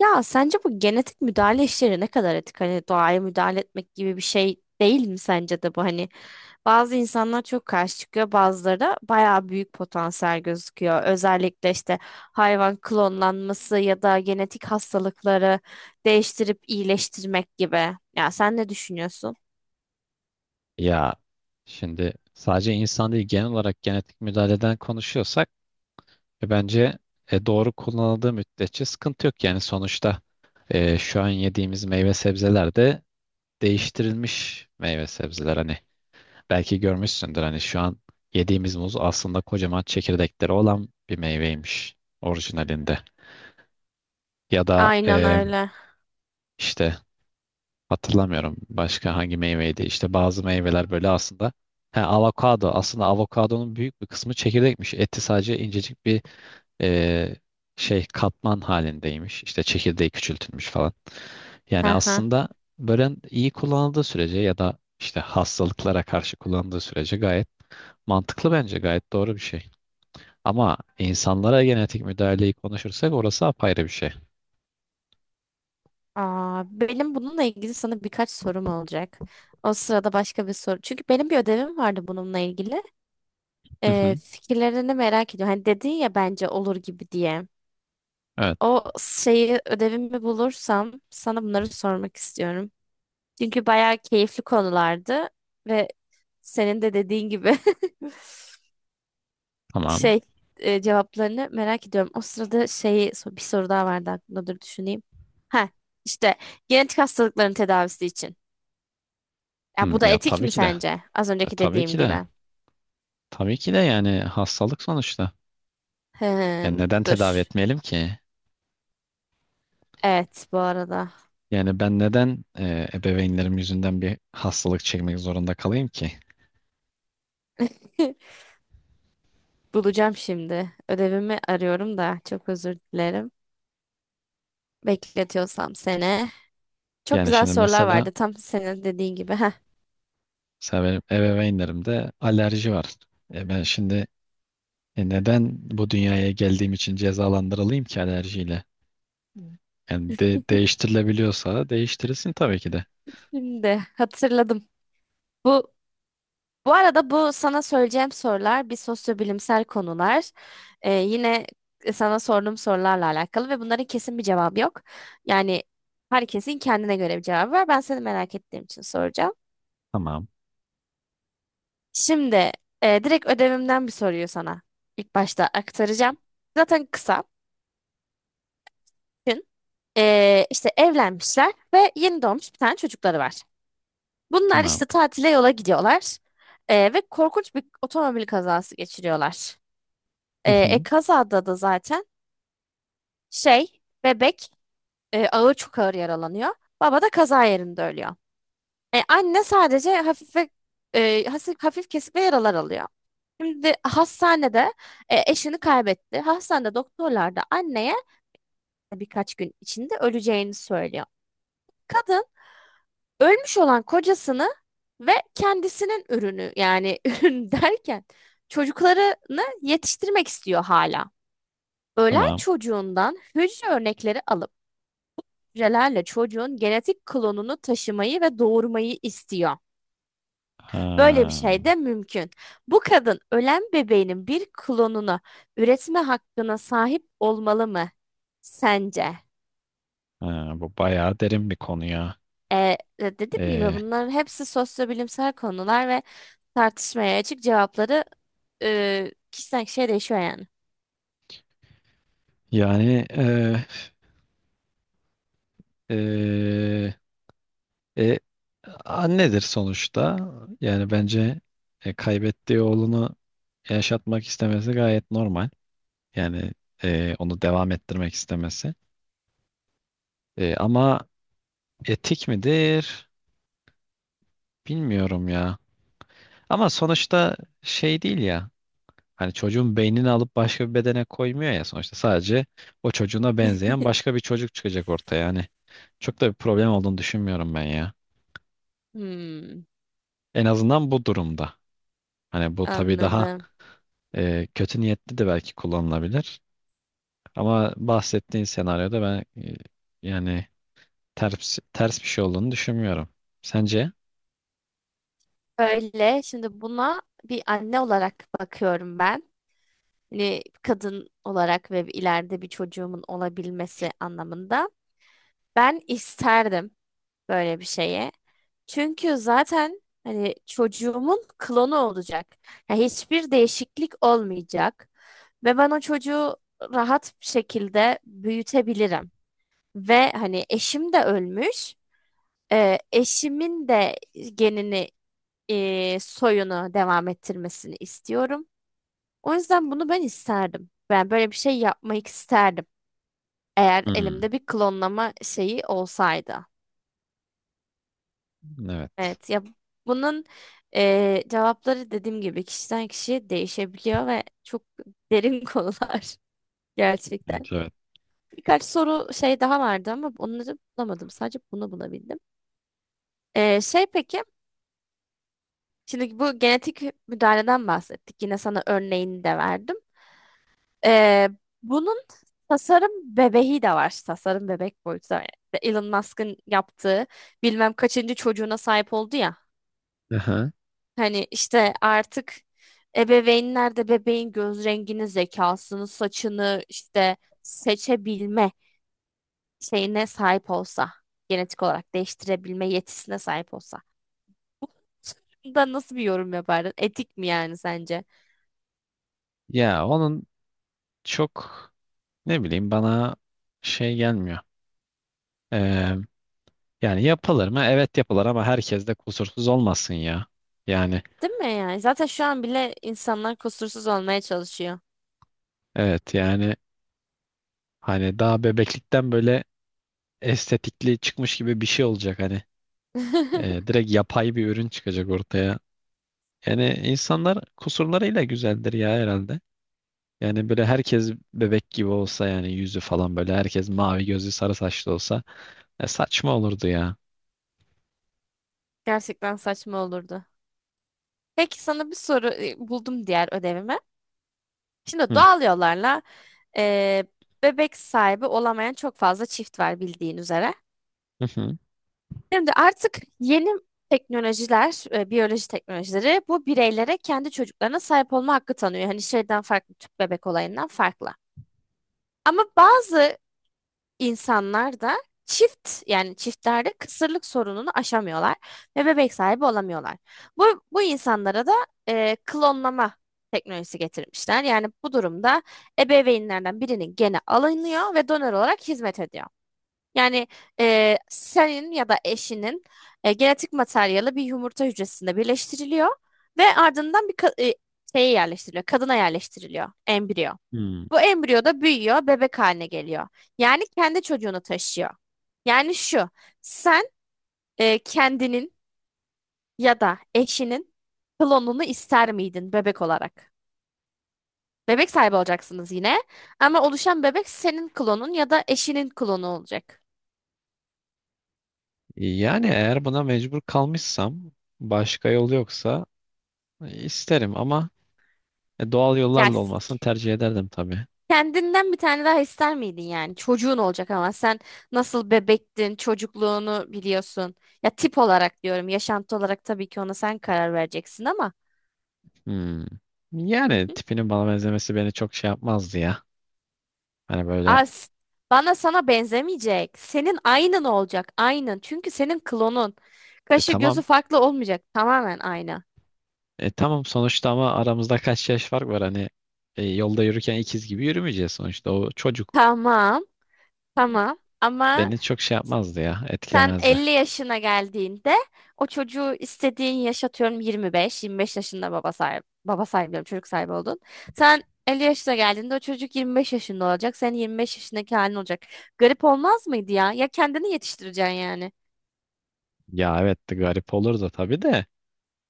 Ya sence bu genetik müdahale işleri ne kadar etik? Hani doğaya müdahale etmek gibi bir şey değil mi sence de bu? Hani bazı insanlar çok karşı çıkıyor, bazıları da bayağı büyük potansiyel gözüküyor. Özellikle işte hayvan klonlanması ya da genetik hastalıkları değiştirip iyileştirmek gibi. Ya sen ne düşünüyorsun? Ya şimdi sadece insan değil genel olarak genetik müdahaleden konuşuyorsak bence doğru kullanıldığı müddetçe sıkıntı yok. Yani sonuçta şu an yediğimiz meyve sebzeler de değiştirilmiş meyve sebzeler. Hani belki görmüşsündür hani şu an yediğimiz muz aslında kocaman çekirdekleri olan bir meyveymiş orijinalinde. Ya da Aynen öyle. işte hatırlamıyorum başka hangi meyveydi. İşte bazı meyveler böyle aslında. He, avokado. Aslında avokadonun büyük bir kısmı çekirdekmiş. Eti sadece incecik bir e, şey katman halindeymiş. İşte çekirdeği küçültülmüş falan. Yani Hı hı. aslında böyle iyi kullanıldığı sürece ya da işte hastalıklara karşı kullanıldığı sürece gayet mantıklı bence. Gayet doğru bir şey. Ama insanlara genetik müdahaleyi konuşursak orası apayrı bir şey. Aa, benim bununla ilgili sana birkaç sorum olacak. O sırada başka bir soru. Çünkü benim bir ödevim vardı bununla ilgili. Hı hı. Fikirlerini merak ediyorum. Hani dedin ya bence olur gibi diye. Evet, O şeyi ödevimi bulursam sana bunları sormak istiyorum. Çünkü bayağı keyifli konulardı ve senin de dediğin gibi tamam. şey cevaplarını merak ediyorum. O sırada bir soru daha vardı aklımda, dur düşüneyim. Ha, işte genetik hastalıkların tedavisi için. Ya Hı, bu da ya etik tabii mi ki de. sence? Az önceki Tabii dediğim ki de. gibi. Tabii ki de yani hastalık sonuçta. Yani Hmm, neden dur. tedavi etmeyelim ki? Evet, bu arada. Yani ben neden ebeveynlerim yüzünden bir hastalık çekmek zorunda kalayım ki? Bulacağım şimdi. Ödevimi arıyorum da çok özür dilerim. Bekletiyorsam sene. Çok Yani güzel şimdi sorular mesela, vardı tam senin dediğin gibi. Heh, mesela benim ebeveynlerimde alerji var. E ben şimdi neden bu dünyaya geldiğim için cezalandırılayım ki alerjiyle? Yani değiştirilebiliyorsa değiştirilsin tabii ki de. şimdi hatırladım. Bu bu arada bu sana söyleyeceğim sorular bir sosyobilimsel konular. Yine sana sorduğum sorularla alakalı ve bunların kesin bir cevabı yok. Yani herkesin kendine göre bir cevabı var. Ben seni merak ettiğim için soracağım. Tamam, Şimdi direkt ödevimden bir soruyu sana ilk başta aktaracağım. Zaten kısa. İşte evlenmişler ve yeni doğmuş bir tane çocukları var. Bunlar tamam. işte tatile yola gidiyorlar. Ve korkunç bir otomobil kazası geçiriyorlar. Hı hı, Kazada da zaten bebek ağır, çok ağır yaralanıyor. Baba da kaza yerinde ölüyor. E, anne sadece hafif ve hafif kesik ve yaralar alıyor. Şimdi hastanede eşini kaybetti. Hastanede doktorlar da anneye birkaç gün içinde öleceğini söylüyor. Kadın ölmüş olan kocasını ve kendisinin ürünü, yani ürün derken çocuklarını yetiştirmek istiyor hala. Ölen tamam. çocuğundan hücre örnekleri alıp hücrelerle çocuğun genetik klonunu taşımayı ve doğurmayı istiyor. Böyle bir Ha, şey de mümkün. Bu kadın ölen bebeğinin bir klonunu üretme hakkına sahip olmalı mı sence? ha, bu bayağı derin bir konu ya. Dediğim gibi E, bunların hepsi sosyobilimsel konular ve tartışmaya açık cevapları kişiden kişiye değişiyor yani. yani Ee, e, annedir sonuçta. Yani bence kaybettiği oğlunu yaşatmak istemesi gayet normal. Yani onu devam ettirmek istemesi. Ama etik midir? Bilmiyorum ya. Ama sonuçta şey değil ya. Hani çocuğun beynini alıp başka bir bedene koymuyor ya sonuçta. Sadece o çocuğuna benzeyen başka bir çocuk çıkacak ortaya. Yani çok da bir problem olduğunu düşünmüyorum ben ya. Hmm, En azından bu durumda. Hani bu tabii daha anladım. Kötü niyetli de belki kullanılabilir. Ama bahsettiğin senaryoda ben yani ters bir şey olduğunu düşünmüyorum. Sence? Öyle, şimdi buna bir anne olarak bakıyorum ben. Hani kadın olarak ve ileride bir çocuğumun olabilmesi anlamında. Ben isterdim böyle bir şeye. Çünkü zaten hani çocuğumun klonu olacak. Ya hiçbir değişiklik olmayacak ve ben o çocuğu rahat bir şekilde büyütebilirim. Ve hani eşim de ölmüş. Eşimin de genini soyunu devam ettirmesini istiyorum. O yüzden bunu ben isterdim. Ben böyle bir şey yapmak isterdim. Eğer Hmm, elimde bir klonlama şeyi olsaydı. evet. Evet ya, bunun cevapları dediğim gibi kişiden kişiye değişebiliyor ve çok derin konular gerçekten. Evet, evet. Birkaç soru daha vardı ama onları bulamadım. Sadece bunu bulabildim. Peki şimdi bu genetik müdahaleden bahsettik. Yine sana örneğini de verdim. Eee, Bunun tasarım bebeği de var. Tasarım bebek boyutu da var. İşte Elon Musk'ın yaptığı bilmem kaçıncı çocuğuna sahip oldu ya. Aha. Hani işte artık ebeveynler de bebeğin göz rengini, zekasını, saçını işte seçebilme şeyine sahip olsa, genetik olarak değiştirebilme yetisine sahip olsa. Da nasıl bir yorum yapardın? Etik mi yani sence? Ya onun çok ne bileyim bana şey gelmiyor. Ee, yani yapılır mı? Evet yapılır ama herkes de kusursuz olmasın ya. Yani Değil mi yani? Zaten şu an bile insanlar kusursuz olmaya çalışıyor. evet yani hani daha bebeklikten böyle estetikli çıkmış gibi bir şey olacak hani. Direkt yapay bir ürün çıkacak ortaya. Yani insanlar kusurlarıyla güzeldir ya herhalde. Yani böyle herkes bebek gibi olsa yani yüzü falan böyle herkes mavi gözlü sarı saçlı olsa saçma olurdu ya. Gerçekten saçma olurdu. Peki sana bir soru buldum diğer ödevime. Şimdi Hı. doğal yollarla eee, bebek sahibi olamayan çok fazla çift var bildiğin üzere. Hı hı. Şimdi artık yeni teknolojiler, biyoloji teknolojileri bu bireylere kendi çocuklarına sahip olma hakkı tanıyor. Hani şeyden farklı, tüp bebek olayından farklı. Ama bazı insanlar da çiftlerde kısırlık sorununu aşamıyorlar ve bebek sahibi olamıyorlar. Bu insanlara da klonlama teknolojisi getirmişler. Yani bu durumda ebeveynlerden birinin geni alınıyor ve donör olarak hizmet ediyor. Yani senin ya da eşinin genetik materyali bir yumurta hücresinde birleştiriliyor ve ardından bir ka- e, şeye yerleştiriliyor, kadına yerleştiriliyor, embriyo. Hı. Bu embriyo da büyüyor, bebek haline geliyor. Yani kendi çocuğunu taşıyor. Yani şu, sen kendinin ya da eşinin klonunu ister miydin bebek olarak? Bebek sahibi olacaksınız yine ama oluşan bebek senin klonun ya da eşinin klonu olacak. Yani eğer buna mecbur kalmışsam başka yol yoksa isterim ama doğal Yani yollarla s- olmasını tercih ederdim tabii. Kendinden bir tane daha ister miydin yani? Çocuğun olacak ama sen nasıl bebektin, çocukluğunu biliyorsun. Ya tip olarak diyorum, yaşantı olarak tabii ki ona sen karar vereceksin ama. Hmm. Hı. Yani tipinin bana benzemesi beni çok şey yapmazdı ya. Hani böyle As Bana, sana benzemeyecek. Senin aynın olacak. Aynın. Çünkü senin klonun. Kaşı gözü tamam. farklı olmayacak. Tamamen aynı. E tamam sonuçta ama aramızda kaç yaş fark var hani yolda yürürken ikiz gibi yürümeyeceğiz sonuçta. O çocuk Tamam. Tamam. Ama beni çok şey yapmazdı ya, sen etkilemezdi. 50 yaşına geldiğinde o çocuğu istediğin yaşatıyorum, yirmi beş yaşında baba sahibi. Baba sahibi diyorum, çocuk sahibi oldun. Sen 50 yaşına geldiğinde o çocuk 25 yaşında olacak. Senin 25 yaşındaki halin olacak. Garip olmaz mıydı ya? Ya kendini yetiştireceksin yani. Ya evet de garip olurdu tabii de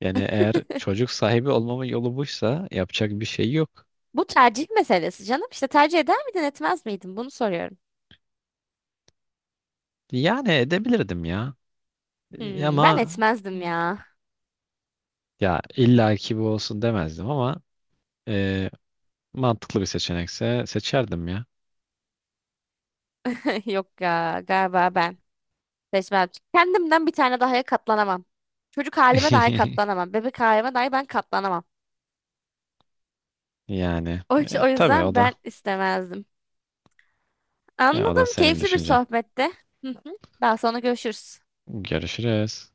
yani eğer çocuk sahibi olmamın yolu buysa yapacak bir şey yok. Bu tercih meselesi canım. İşte tercih eder miydin, etmez miydin? Bunu soruyorum. Yani edebilirdim ya. Hmm, ben Ama etmezdim ya. ya illa ki bu olsun demezdim ama e, mantıklı bir seçenekse seçerdim ya. Yok ya, galiba ben seçmem. Kendimden bir tane daha katlanamam. Çocuk halime dahi katlanamam. Bebek halime dahi ben katlanamam. Yani O tabii o yüzden ben da, istemezdim. ya o da Anladım. senin Keyifli bir düşüncen. sohbetti. Hı hı. Daha sonra görüşürüz. Görüşürüz.